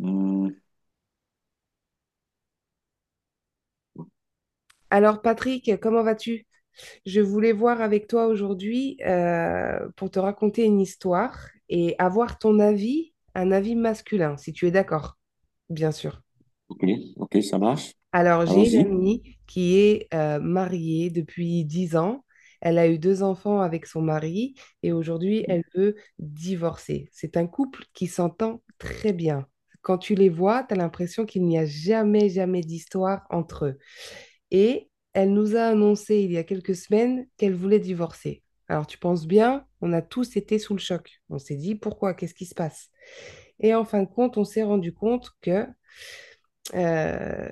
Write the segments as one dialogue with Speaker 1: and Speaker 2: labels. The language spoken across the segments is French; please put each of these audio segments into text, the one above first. Speaker 1: Hmm,
Speaker 2: Alors Patrick, comment vas-tu? Je voulais voir avec toi aujourd'hui pour te raconter une histoire et avoir ton avis, un avis masculin, si tu es d'accord, bien sûr.
Speaker 1: ok, ok, ça marche.
Speaker 2: Alors j'ai une
Speaker 1: Allons-y.
Speaker 2: amie qui est mariée depuis 10 ans. Elle a eu deux enfants avec son mari et aujourd'hui elle veut divorcer. C'est un couple qui s'entend très bien. Quand tu les vois, tu as l'impression qu'il n'y a jamais, jamais d'histoire entre eux. Et elle nous a annoncé il y a quelques semaines qu'elle voulait divorcer. Alors tu penses bien, on a tous été sous le choc. On s'est dit pourquoi, qu'est-ce qui se passe? Et en fin de compte, on s'est rendu compte que euh,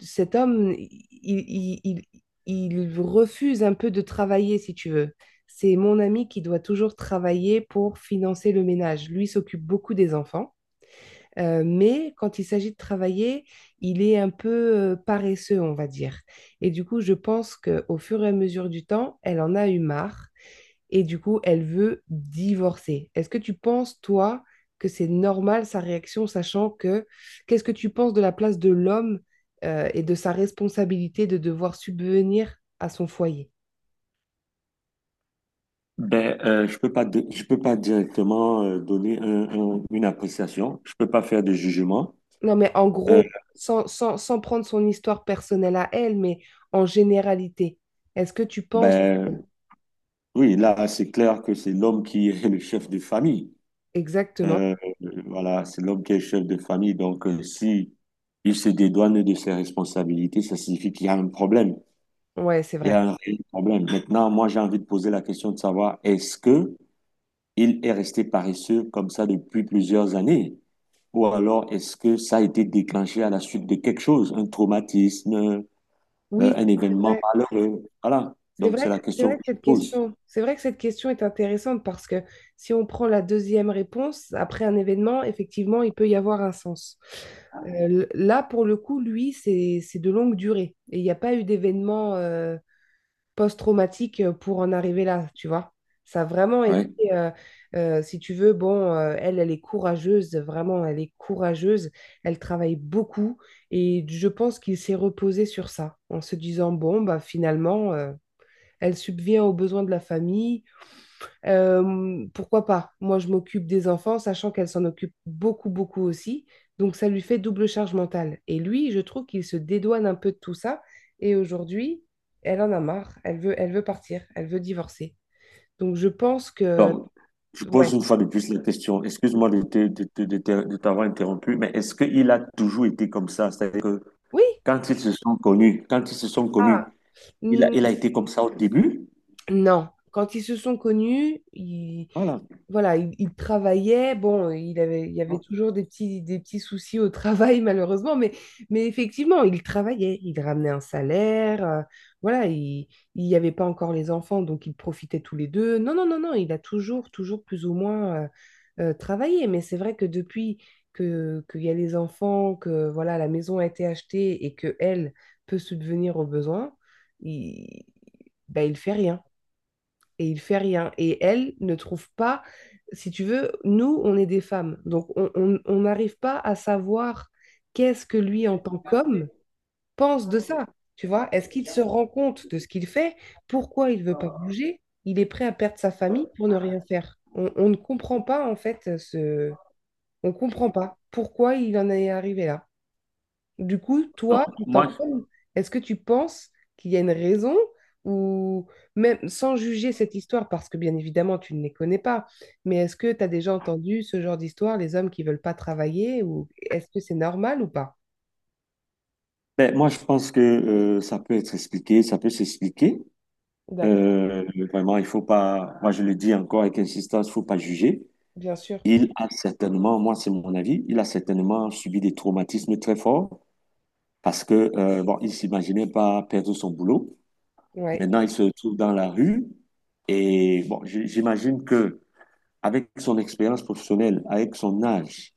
Speaker 2: cet homme, refuse un peu de travailler, si tu veux. C'est mon ami qui doit toujours travailler pour financer le ménage. Lui s'occupe beaucoup des enfants. Mais quand il s'agit de travailler, il est un peu paresseux, on va dire. Et du coup, je pense qu'au fur et à mesure du temps, elle en a eu marre et du coup, elle veut divorcer. Est-ce que tu penses, toi, que c'est normal sa réaction, sachant que qu'est-ce que tu penses de la place de l'homme et de sa responsabilité de devoir subvenir à son foyer?
Speaker 1: Ben, je peux pas, je peux pas directement donner une appréciation. Je peux pas faire de jugement.
Speaker 2: Non, mais en
Speaker 1: Euh,
Speaker 2: gros, sans prendre son histoire personnelle à elle, mais en généralité, est-ce que tu penses
Speaker 1: ben, oui, là, c'est clair que c'est l'homme qui est le chef de famille.
Speaker 2: exactement?
Speaker 1: Euh, voilà, c'est l'homme qui est chef de famille. Donc, si il se dédouane de ses responsabilités, ça signifie qu'il y a un problème.
Speaker 2: Ouais, c'est
Speaker 1: Il y a
Speaker 2: vrai.
Speaker 1: un réel problème. Maintenant, moi, j'ai envie de poser la question de savoir est-ce que il est resté paresseux comme ça depuis plusieurs années? Ou alors, est-ce que ça a été déclenché à la suite de quelque chose, un traumatisme,
Speaker 2: Oui,
Speaker 1: un
Speaker 2: c'est
Speaker 1: événement
Speaker 2: vrai.
Speaker 1: malheureux? Voilà. Donc, c'est la
Speaker 2: C'est
Speaker 1: question
Speaker 2: vrai
Speaker 1: que
Speaker 2: que
Speaker 1: je
Speaker 2: cette
Speaker 1: pose.
Speaker 2: question, c'est vrai que cette question est intéressante parce que si on prend la deuxième réponse, après un événement, effectivement, il peut y avoir un sens. Là, pour le coup, lui, c'est de longue durée. Et il n'y a pas eu d'événement post-traumatique pour en arriver là, tu vois. Ça a vraiment été,
Speaker 1: Ouais.
Speaker 2: euh, si tu veux, bon, elle, elle est courageuse, vraiment, elle est courageuse, elle travaille beaucoup et je pense qu'il s'est reposé sur ça en se disant, bon, bah, finalement, elle subvient aux besoins de la famille, pourquoi pas? Moi, je m'occupe des enfants, sachant qu'elle s'en occupe beaucoup, beaucoup aussi. Donc, ça lui fait double charge mentale. Et lui, je trouve qu'il se dédouane un peu de tout ça. Et aujourd'hui, elle en a marre. Elle veut partir. Elle veut divorcer. Donc, je pense que...
Speaker 1: Donc, je pose
Speaker 2: Ouais.
Speaker 1: une fois de plus la question. Excuse-moi de t'avoir interrompu, mais est-ce qu'il a toujours été comme ça? C'est-à-dire que
Speaker 2: Oui.
Speaker 1: quand ils se sont connus,
Speaker 2: Ah.
Speaker 1: il a
Speaker 2: Mm.
Speaker 1: été comme ça au début?
Speaker 2: Non. Quand ils se sont connus,
Speaker 1: Voilà.
Speaker 2: voilà, il travaillait. Bon, il y avait toujours des petits soucis au travail, malheureusement, mais effectivement, il travaillait. Il ramenait un salaire. Voilà, il n'y avait pas encore les enfants, donc ils profitaient tous les deux. Non, non, non, non, il a toujours, toujours plus ou moins travaillé. Mais c'est vrai que depuis qu'il y a les enfants, que voilà, la maison a été achetée et que elle peut subvenir aux besoins, il, ben, il fait rien et il fait rien. Et elle ne trouve pas, si tu veux, nous, on est des femmes, donc on n'arrive pas à savoir qu'est-ce que lui, en tant qu'homme, pense de ça. Tu vois, est-ce qu'il se rend compte de ce qu'il fait? Pourquoi il veut pas bouger? Il est prêt à perdre sa famille pour ne rien faire. On ne comprend pas, en fait, ce... On comprend pas pourquoi il en est arrivé là. Du coup,
Speaker 1: Donc,
Speaker 2: toi, en tant qu'homme, est-ce que tu penses qu'il y a une raison ou même sans juger cette histoire, parce que bien évidemment, tu ne les connais pas, mais est-ce que tu as déjà entendu ce genre d'histoire, les hommes qui veulent pas travailler ou est-ce que c'est normal ou pas?
Speaker 1: ben, moi, je pense que ça peut être expliqué, ça peut s'expliquer.
Speaker 2: D'accord,
Speaker 1: Euh, Vraiment, il faut pas, moi je le dis encore avec insistance, il faut pas juger.
Speaker 2: bien sûr.
Speaker 1: Il a certainement, moi c'est mon avis, il a certainement subi des traumatismes très forts parce que, bon, il s'imaginait pas perdre son boulot.
Speaker 2: Ouais.
Speaker 1: Maintenant, il se retrouve dans la rue et bon, j'imagine que avec son expérience professionnelle, avec son âge,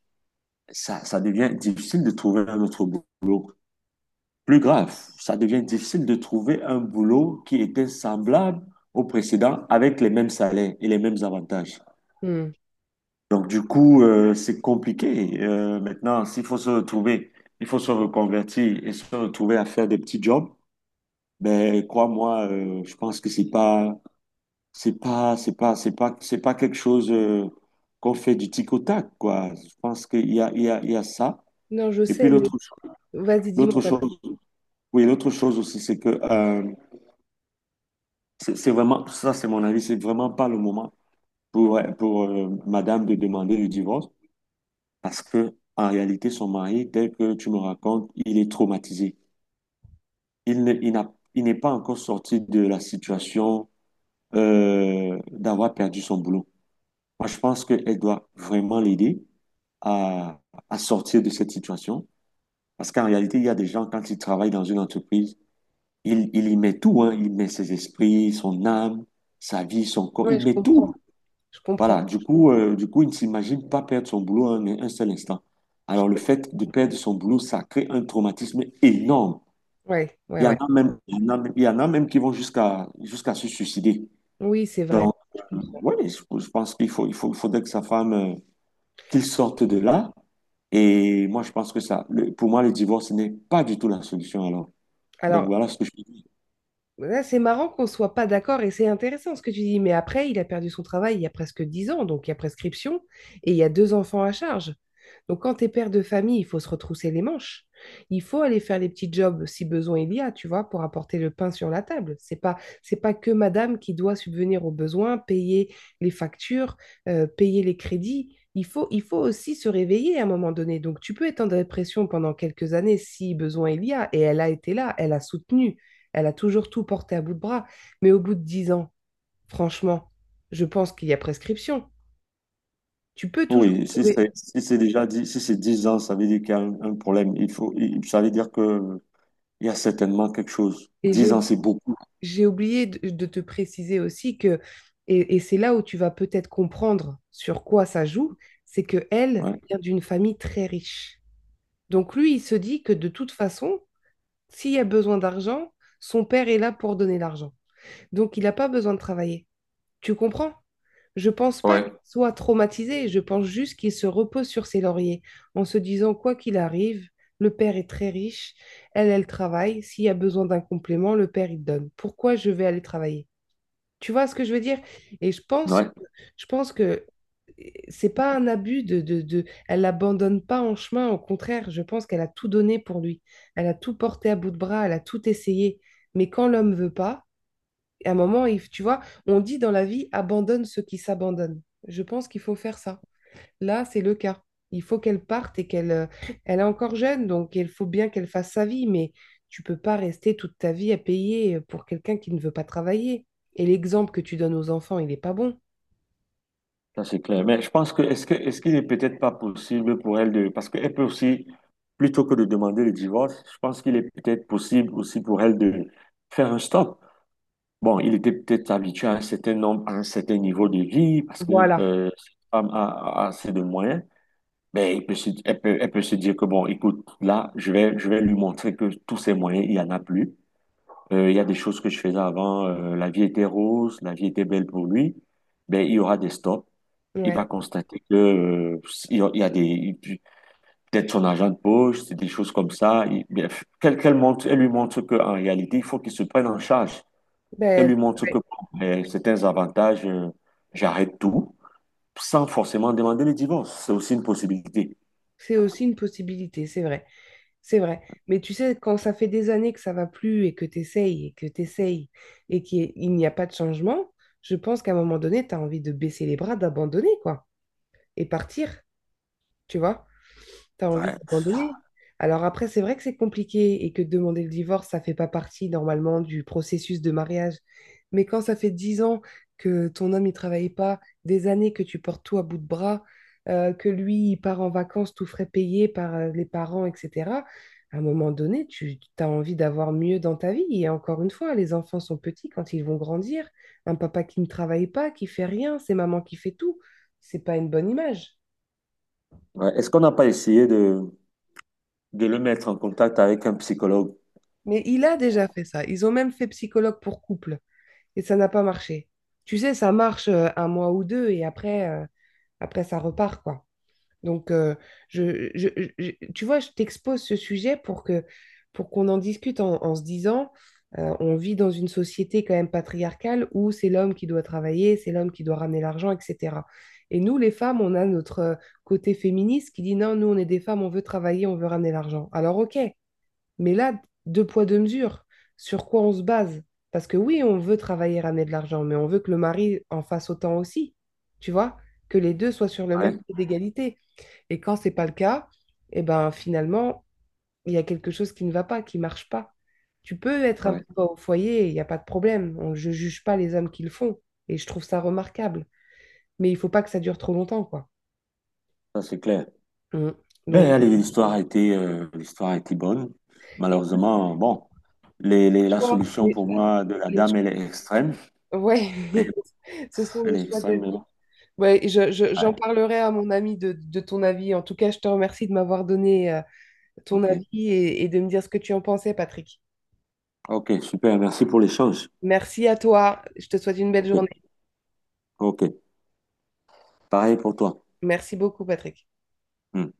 Speaker 1: ça devient difficile de trouver un autre boulot. Plus grave, ça devient difficile de trouver un boulot qui était semblable au précédent avec les mêmes salaires et les mêmes avantages.
Speaker 2: Hmm.
Speaker 1: Donc du coup, c'est compliqué. Maintenant, s'il faut se retrouver, il faut se reconvertir et se retrouver à faire des petits jobs. Ben crois-moi, je pense que c'est pas quelque chose qu'on fait du tic au tac, quoi. Je pense qu'il y a ça.
Speaker 2: Non, je
Speaker 1: Et puis
Speaker 2: sais, mais vas-y, dis-moi,
Speaker 1: l'autre
Speaker 2: Patrick.
Speaker 1: chose, oui, l'autre chose aussi, c'est que c'est vraiment, ça c'est mon avis, c'est vraiment pas le moment pour madame de demander le divorce parce que en réalité, son mari, tel que tu me racontes, il est traumatisé. Il n'est pas encore sorti de la situation d'avoir perdu son boulot. Moi, je pense qu'elle doit vraiment l'aider à, à sortir de cette situation parce qu'en réalité, il y a des gens, quand ils travaillent dans une entreprise, il y met tout, hein. Il met ses esprits, son âme, sa vie, son corps,
Speaker 2: Ouais,
Speaker 1: il
Speaker 2: je
Speaker 1: met
Speaker 2: comprends,
Speaker 1: tout.
Speaker 2: je comprends.
Speaker 1: Voilà, du coup, il ne s'imagine pas perdre son boulot un seul instant.
Speaker 2: Je
Speaker 1: Alors, le fait de
Speaker 2: comprends.
Speaker 1: perdre son boulot, ça crée un traumatisme énorme.
Speaker 2: Ouais, ouais,
Speaker 1: Il y en
Speaker 2: ouais.
Speaker 1: a même, il y en a, Il y en a même qui vont jusqu'à se suicider.
Speaker 2: Oui, c'est vrai,
Speaker 1: Donc,
Speaker 2: je comprends.
Speaker 1: oui, je pense qu'il faudrait que sa femme, qu'il sorte de là. Et moi, je pense que pour moi, le divorce n'est pas du tout la solution alors. Donc,
Speaker 2: Alors,
Speaker 1: voilà ce que je dis.
Speaker 2: ouais, c'est marrant qu'on soit pas d'accord et c'est intéressant ce que tu dis. Mais après, il a perdu son travail il y a presque 10 ans, donc il y a prescription et il y a deux enfants à charge. Donc quand tu es père de famille, il faut se retrousser les manches. Il faut aller faire les petits jobs si besoin il y a, tu vois, pour apporter le pain sur la table. C'est pas que madame qui doit subvenir aux besoins, payer les factures, payer les crédits. Il faut aussi se réveiller à un moment donné. Donc tu peux être en dépression pendant quelques années si besoin il y a. Et elle a été là, elle a soutenu, elle a toujours tout porté à bout de bras. Mais au bout de 10 ans, franchement, je pense qu'il y a prescription. Tu peux toujours
Speaker 1: Oui,
Speaker 2: trouver.
Speaker 1: si c'est déjà dit, si c'est 10 ans, ça veut dire qu'il y a un problème. Ça veut dire que il y a certainement quelque chose.
Speaker 2: Et j'ai
Speaker 1: 10 ans,
Speaker 2: oubli-
Speaker 1: c'est beaucoup.
Speaker 2: j'ai oublié de te préciser aussi que, et c'est là où tu vas peut-être comprendre sur quoi ça joue, c'est que elle
Speaker 1: Ouais.
Speaker 2: vient d'une famille très riche. Donc lui, il se dit que de toute façon, s'il y a besoin d'argent, son père est là pour donner l'argent. Donc il n'a pas besoin de travailler. Tu comprends? Je pense pas qu'il
Speaker 1: Ouais.
Speaker 2: soit traumatisé, je pense juste qu'il se repose sur ses lauriers en se disant quoi qu'il arrive, le père est très riche, elle, elle travaille, s'il y a besoin d'un complément, le père il donne. Pourquoi je vais aller travailler? Tu vois ce que je veux dire? Et je pense,
Speaker 1: Ouais,
Speaker 2: je pense que c'est pas un abus de elle l'abandonne pas en chemin, au contraire, je pense qu'elle a tout donné pour lui. Elle a tout porté à bout de bras, elle a tout essayé. Mais quand l'homme veut pas, et à un moment, tu vois, on dit dans la vie, abandonne ceux qui s'abandonnent. Je pense qu'il faut faire ça. Là, c'est le cas. Il faut qu'elle parte et qu'elle elle est encore jeune, donc il faut bien qu'elle fasse sa vie, mais tu peux pas rester toute ta vie à payer pour quelqu'un qui ne veut pas travailler. Et l'exemple que tu donnes aux enfants, il n'est pas bon.
Speaker 1: ça c'est clair. Mais je pense que est-ce qu'il n'est peut-être pas possible pour elle de parce qu'elle peut aussi plutôt que de demander le divorce, je pense qu'il est peut-être possible aussi pour elle de faire un stop. Bon, il était peut-être habitué à un certain nombre, à un certain niveau de vie parce que
Speaker 2: Voilà.
Speaker 1: cette femme a assez de moyens. Mais elle peut se dire que bon, écoute, là, je vais lui montrer que tous ces moyens, il y en a plus. Il y a des choses que je faisais avant. La vie était rose, la vie était belle pour lui. Ben, il y aura des stops. Il
Speaker 2: Ouais.
Speaker 1: va constater que, il y a des, peut-être son argent de poche, c'est des choses comme ça. Bien, qu'elle montre, elle lui montre qu'en réalité, il faut qu'il se prenne en charge. Qu'elle
Speaker 2: Ben,
Speaker 1: lui montre que bon, ben, certains avantages, j'arrête tout, sans forcément demander le divorce. C'est aussi une possibilité.
Speaker 2: c'est aussi une possibilité, c'est vrai. C'est vrai. Mais tu sais, quand ça fait des années que ça va plus et que tu essayes et que tu essayes et qu'il n'y a pas de changement, je pense qu'à un moment donné, tu as envie de baisser les bras, d'abandonner, quoi, et partir, tu vois? Tu as envie
Speaker 1: Ouais.
Speaker 2: d'abandonner. Alors après, c'est vrai que c'est compliqué et que demander le divorce, ça fait pas partie normalement du processus de mariage. Mais quand ça fait 10 ans que ton homme, il travaille pas, des années que tu portes tout à bout de bras, que lui, il part en vacances tout frais payé par les parents, etc., à un moment donné, tu as envie d'avoir mieux dans ta vie. Et encore une fois, les enfants sont petits quand ils vont grandir. Un papa qui ne travaille pas, qui fait rien, c'est maman qui fait tout. C'est pas une bonne image.
Speaker 1: Ouais. Est-ce qu'on n'a pas essayé de, le mettre en contact avec un psychologue.
Speaker 2: Mais il a déjà fait ça. Ils ont même fait psychologue pour couple et ça n'a pas marché. Tu sais, ça marche un mois ou deux et après, après ça repart, quoi. Donc, je, je- tu vois, je t'expose ce sujet pour que, pour qu'on en discute en se disant, on vit dans une société quand même patriarcale où c'est l'homme qui doit travailler, c'est l'homme qui doit ramener l'argent, etc. Et nous, les femmes, on a notre côté féministe qui dit non, nous, on est des femmes, on veut travailler, on veut ramener l'argent. Alors, ok. Mais là, deux poids, deux mesures, sur quoi on se base? Parce que oui, on veut travailler, ramener de l'argent, mais on veut que le mari en fasse autant aussi, tu vois, que les deux soient sur le même
Speaker 1: Ouais,
Speaker 2: pied d'égalité. Et quand c'est pas le cas, eh ben finalement, il y a quelque chose qui ne va pas, qui marche pas. Tu peux être un
Speaker 1: ouais,
Speaker 2: peu au foyer, il n'y a pas de problème. Je ne juge pas les hommes qui le font. Et je trouve ça remarquable. Mais il faut pas que ça dure trop longtemps, quoi.
Speaker 1: ça c'est clair.
Speaker 2: Mm. Donc,
Speaker 1: Ben, allez, l'histoire a été bonne.
Speaker 2: et
Speaker 1: Malheureusement, bon,
Speaker 2: les
Speaker 1: la
Speaker 2: choix,
Speaker 1: solution pour moi de la
Speaker 2: les cho-
Speaker 1: dame, elle est extrême.
Speaker 2: ouais,
Speaker 1: Mais
Speaker 2: ce sont les
Speaker 1: elle est
Speaker 2: choix de
Speaker 1: extrême, mais bon.
Speaker 2: vie. Ouais, et j'en
Speaker 1: Ouais,
Speaker 2: parlerai à mon ami de ton avis. En tout cas, je te remercie de m'avoir donné ton
Speaker 1: ok.
Speaker 2: avis et de me dire ce que tu en pensais, Patrick.
Speaker 1: Ok, super, merci pour l'échange.
Speaker 2: Merci à toi. Je te souhaite une belle
Speaker 1: Ok,
Speaker 2: journée.
Speaker 1: ok. Pareil pour toi.
Speaker 2: Merci beaucoup, Patrick.
Speaker 1: Hmm.